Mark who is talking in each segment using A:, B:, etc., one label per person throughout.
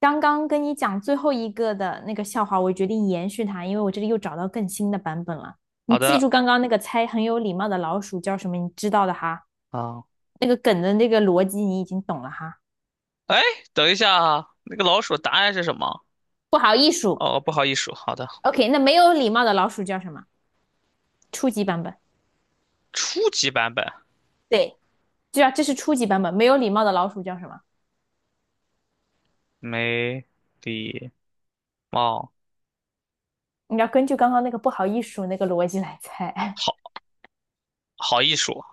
A: 刚刚跟你讲最后一个的那个笑话，我决定延续它，因为我这里又找到更新的版本了。你
B: 好
A: 记
B: 的，
A: 住刚刚那个猜很有礼貌的老鼠叫什么？你知道的哈，
B: 啊，
A: 那个梗的那个逻辑你已经懂了哈。
B: 哎，等一下啊，那个老鼠答案是什么？
A: 不好意思
B: 哦，不好意思，好的，
A: o k 那没有礼貌的老鼠叫什么？初级版本，
B: 初级版本，
A: 对，对啊，这是初级版本。没有礼貌的老鼠叫什么？
B: 没礼貌，
A: 你要根据刚刚那个不好意思那个逻辑来猜。
B: 好好艺术，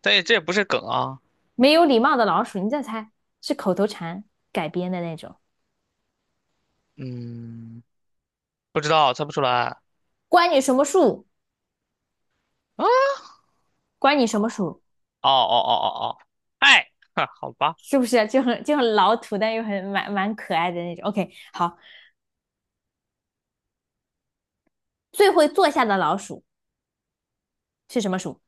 B: 但这也不是梗啊，
A: 没有礼貌的老鼠，你再猜，是口头禅改编的那种。
B: 嗯，不知道，猜不出来。
A: 关你什么树？
B: 啊
A: 关你什么鼠？
B: 哦哦哦哦哦，爱，哈，好吧，
A: 是不是就很老土，但又很蛮可爱的那种？OK，好，最会坐下的老鼠是什么鼠？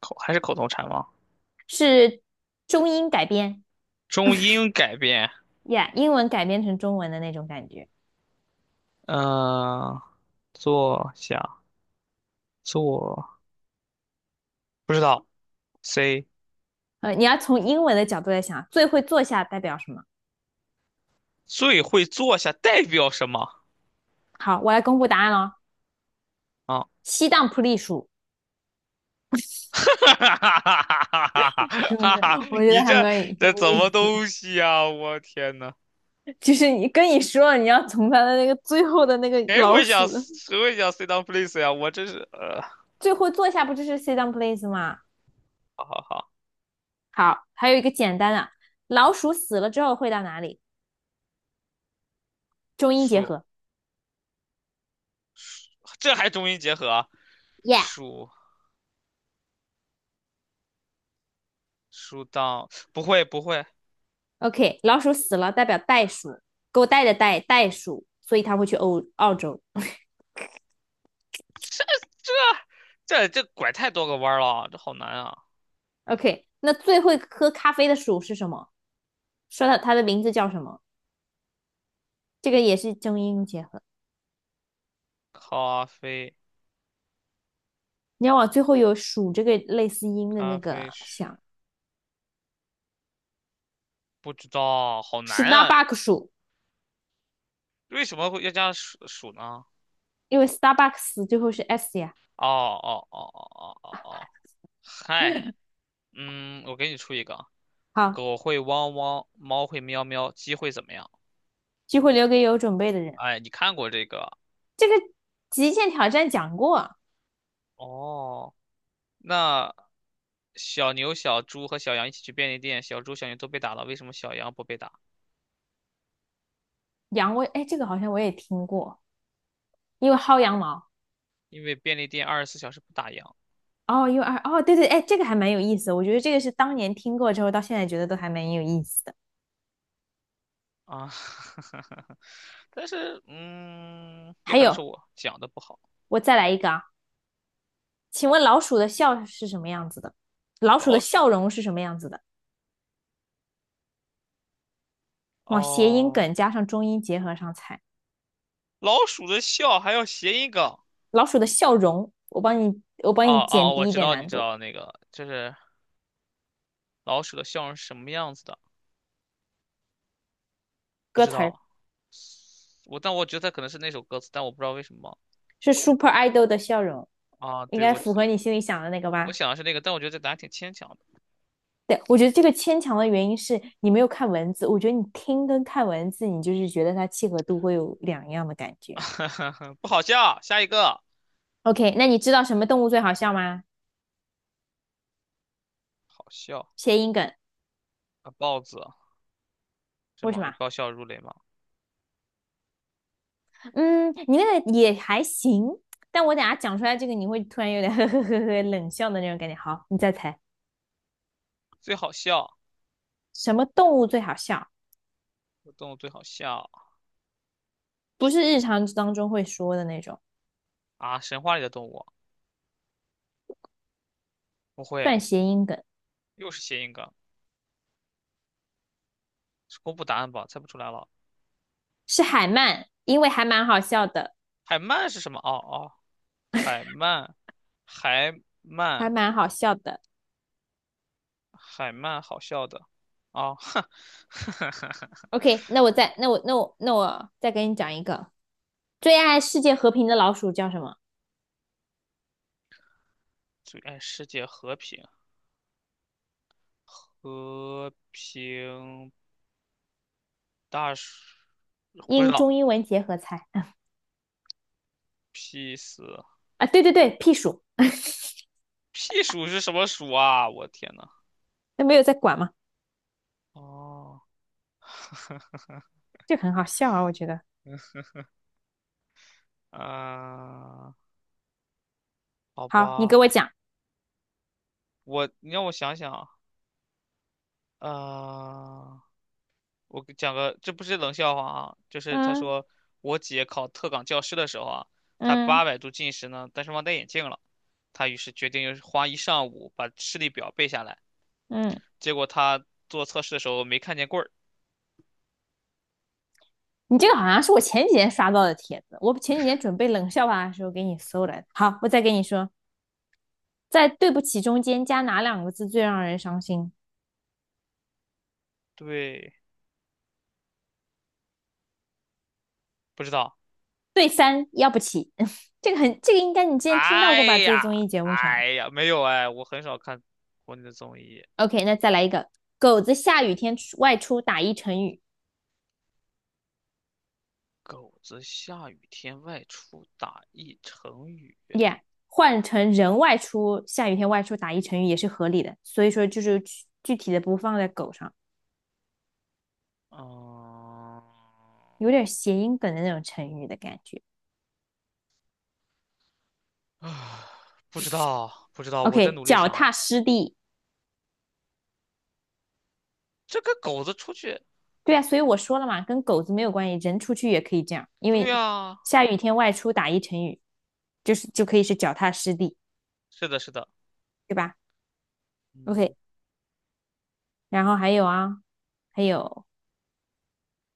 B: 口还是口头禅吗？
A: 是中英改编
B: 中英改编，
A: 呀 yeah，英文改编成中文的那种感觉。
B: 嗯、坐下，坐，不知道，C，
A: 你要从英文的角度来想，最会坐下代表什么？
B: 最会坐下代表什么？
A: 好，我来公布答案喽。
B: 啊、
A: 西当普利鼠
B: 哈哈哈哈哈哈！
A: 是不
B: 哈
A: 是？
B: 哈，
A: 我觉
B: 你
A: 得还
B: 这
A: 蛮有意
B: 这怎么
A: 思，
B: 东西啊？我天呐，
A: 就是你跟你说了，你要从它的那个最后的那个
B: 谁
A: 老
B: 会想
A: 鼠的
B: 谁会想 sit down please 呀、我真是
A: 最后坐下，不就是 sit down please 吗？
B: 好好好，
A: 好，还有一个简单的，老鼠死了之后会到哪里？中英结
B: 数
A: 合。
B: 这还中英结合啊？
A: y e a
B: 树树当不会，
A: h OK，老鼠死了代表袋鼠，狗带的袋袋鼠，所以它会去欧澳洲。
B: 这这拐太多个弯儿了，这好难啊！
A: OK，那最会喝咖啡的鼠是什么？说到它的名字叫什么？这个也是中英结合。
B: 咖啡
A: 你要往最后有“鼠”这个类似音的
B: 咖
A: 那个
B: 啡是
A: 想
B: 不知道，好难啊！
A: ，Starbucks 鼠，
B: 为什么会要加数数呢？
A: 因为 Starbucks 最后是 s 呀。
B: 哦哦哦哦哦哦哦，嗨。嗯，我给你出一个啊，
A: 好，
B: 狗会汪汪，猫会喵喵，鸡会怎么样？
A: 机会留给有准备的人。
B: 哎，你看过这个？
A: 这个极限挑战讲过，
B: 哦，那小牛、小猪和小羊一起去便利店，小猪、小牛都被打了，为什么小羊不被打？
A: 羊我，哎，这个好像我也听过，因为薅羊毛。
B: 因为便利店24小时不打烊
A: 哦，U r 哦，对对，哎，这个还蛮有意思的我觉得这个是当年听过之后，到现在觉得都还蛮有意思的。
B: 啊。但是，也
A: 还
B: 可能是
A: 有，
B: 我讲的不好。
A: 我再来一个啊，请问老鼠的笑是什么样子的？老鼠的
B: 老鼠
A: 笑容是什么样子的？往谐音
B: 哦，
A: 梗加上中音结合上猜。
B: 老鼠的笑还要谐音梗。
A: 老鼠的笑容，我帮你，我帮你
B: 哦
A: 减
B: 哦，我
A: 低一
B: 知
A: 点
B: 道，你
A: 难
B: 知
A: 度。
B: 道那个，就是老鼠的笑容是什么样子的？不
A: 歌
B: 知
A: 词儿
B: 道。但我觉得可能是那首歌词，但我不知道为什么
A: 是 Super Idol 的笑容，
B: 啊。
A: 应
B: 对，
A: 该
B: 我
A: 符合
B: 只
A: 你心里想的那个
B: 我
A: 吧？
B: 想的是那个，但我觉得这答案挺牵强
A: 对，我觉得这个牵强的原因是你没有看文字，我觉得你听跟看文字，你就是觉得它契合度会有两样的感
B: 的，
A: 觉。
B: 不好笑。下一个，
A: OK，那你知道什么动物最好笑吗？
B: 好笑
A: 谐音梗，
B: 啊，豹子是
A: 为
B: 吗？
A: 什
B: 你
A: 么？
B: 爆笑如雷吗？
A: 嗯，你那个也还行，但我等下讲出来这个，你会突然有点 呵呵呵呵冷笑的那种感觉。好，你再猜，
B: 最好笑，
A: 什么动物最好笑？
B: 动物最好笑
A: 不是日常当中会说的那种，
B: 啊！神话里的动物不会，
A: 算谐音梗，
B: 又是谐音梗，是公布答案吧？猜不出来了。
A: 是海鳗，因为还蛮好笑的，
B: 海鳗是什么？哦哦，海鳗，海
A: 还
B: 鳗，
A: 蛮好笑的。
B: 海鳗，好笑的啊！哼，
A: OK，那我再，那我那我那我再给你讲一个，最爱世界和平的老鼠叫什么？
B: 最爱世界和平。和平大暑不知
A: 英中
B: 道
A: 英文结合猜
B: ，P 死
A: 啊，对对对，屁鼠，
B: P 鼠是什么鼠啊？我天呐！
A: 那没有在管吗？
B: 哦，
A: 这个很好笑啊，我觉得。
B: 嗯、好
A: 好，你给
B: 吧，
A: 我讲。
B: 你让我想想啊，呃，我给讲个，这不是冷笑话啊，就是他
A: 嗯
B: 说我姐考特岗教师的时候啊，她
A: 嗯
B: 800度近视呢，但是忘戴眼镜了，她于是决定又是花一上午把视力表背下来，
A: 嗯，
B: 结果她做测试的时候没看见棍儿，
A: 你这个好像是我前几天刷到的帖子，我前几天准备冷笑话的时候给你搜来的。好，我再给你说，在对不起中间加哪两个字最让人伤心？
B: 对，不知道。
A: 对三，要不起。这个很，这个应该你之前听到
B: 哎
A: 过吧？在综
B: 呀，
A: 艺节目上。
B: 哎呀，没有哎，我很少看国内的综艺。
A: OK，那再来一个，狗子下雨天外出打一成语
B: 狗子下雨天外出打一成语，
A: ，Yeah，换成人外出，下雨天外出打一成语也是合理的。所以说就是具体的不放在狗上。
B: 嗯，
A: 有点谐音梗的那种成语的感觉。
B: 啊，不知道，不知道，我在
A: OK，
B: 努力
A: 脚
B: 想
A: 踏
B: 了。
A: 实地，
B: 这个狗子出去，
A: 对啊，所以我说了嘛，跟狗子没有关系，人出去也可以这样，因
B: 对
A: 为
B: 呀，
A: 下雨天外出打一成语，就可以是脚踏实地，
B: 是的，是的，
A: 对吧
B: 嗯，
A: ？OK，然后还有啊，还有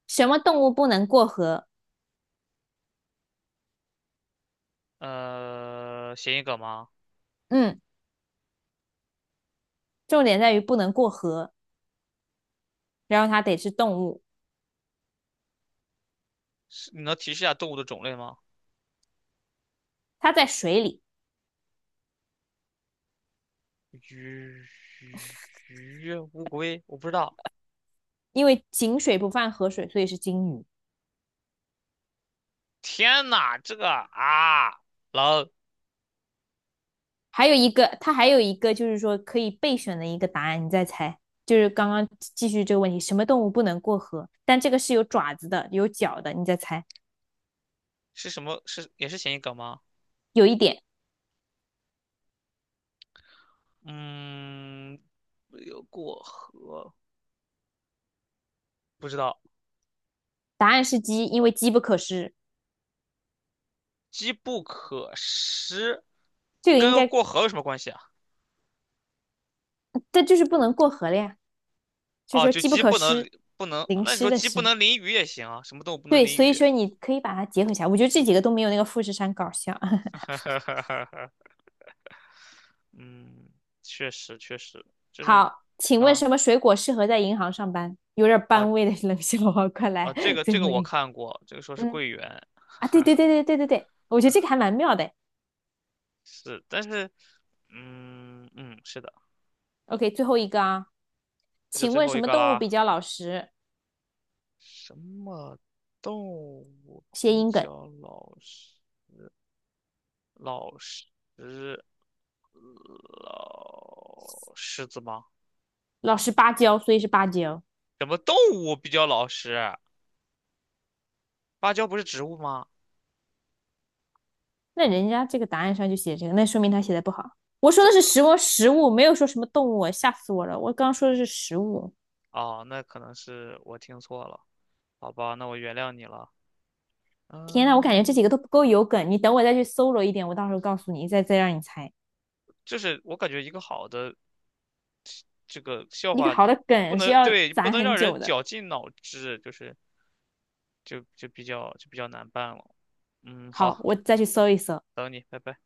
A: 什么动物不能过河？
B: 谐音梗吗？
A: 嗯，重点在于不能过河，然后它得是动物，
B: 是，你能提示一下动物的种类吗？
A: 它在水里，
B: 鱼鱼鱼，乌龟，我不知道。
A: 因为井水不犯河水，所以是金鱼。
B: 天呐，这个啊，狼
A: 还有一个，它还有一个就是说可以备选的一个答案，你再猜。就是刚刚继续这个问题，什么动物不能过河？但这个是有爪子的，有脚的，你再猜。
B: 是什么？是也是谐音梗吗？
A: 有一点，
B: 嗯，没有过河，不知道。
A: 答案是鸡，因为机不可失。
B: 机不可失，
A: 这个应
B: 跟
A: 该，
B: 过河有什么关系啊？
A: 这就是不能过河了呀，就是
B: 哦，
A: 说
B: 就
A: 机不
B: 鸡
A: 可
B: 不能
A: 失，
B: 不能，
A: 淋
B: 那你
A: 湿
B: 说
A: 的
B: 鸡不
A: 湿。
B: 能淋雨也行啊？什么动物不能
A: 对，
B: 淋
A: 所以
B: 雨？
A: 说你可以把它结合起来。我觉得这几个都没有那个富士山搞笑。
B: 哈 哈哈哈哈嗯，确实确实，就是
A: 好，请问
B: 啊
A: 什么水果适合在银行上班？有点
B: 啊
A: 班味的冷笑话，快
B: 啊，
A: 来
B: 这个
A: 最
B: 这个
A: 后
B: 我
A: 一个。
B: 看过，这个说是
A: 嗯，
B: 桂圆，
A: 啊，对对对对对对对，我觉得这个还蛮妙的。
B: 是，但是嗯嗯，是的，
A: OK，最后一个啊，
B: 这就
A: 请
B: 最
A: 问
B: 后
A: 什
B: 一
A: 么
B: 个
A: 动物比
B: 啦。
A: 较老实？
B: 什么动物
A: 谐
B: 比
A: 音梗，
B: 较老实？老实老狮子吗？
A: 老实巴交，所以是芭蕉。
B: 什么动物比较老实？芭蕉不是植物吗？
A: 那人家这个答案上就写这个，那说明他写的不好。我说
B: 这
A: 的是
B: 这
A: 食物，食物没有说什么动物啊吓死我了！我刚刚说的是食物。
B: 哦，那可能是我听错了，好吧，那我原谅你了。
A: 天呐，我感觉这几个
B: 嗯，
A: 都不够有梗，你等我再去搜罗一点，我到时候告诉你，再让你猜。
B: 就是我感觉一个好的这个笑
A: 一个
B: 话，
A: 好
B: 你
A: 的
B: 不
A: 梗是
B: 能
A: 要
B: 对，不
A: 攒
B: 能
A: 很
B: 让人
A: 久的。
B: 绞尽脑汁，就是就比较难办了。嗯，好，
A: 好，我再
B: 那
A: 去搜一搜。
B: 等你，拜拜。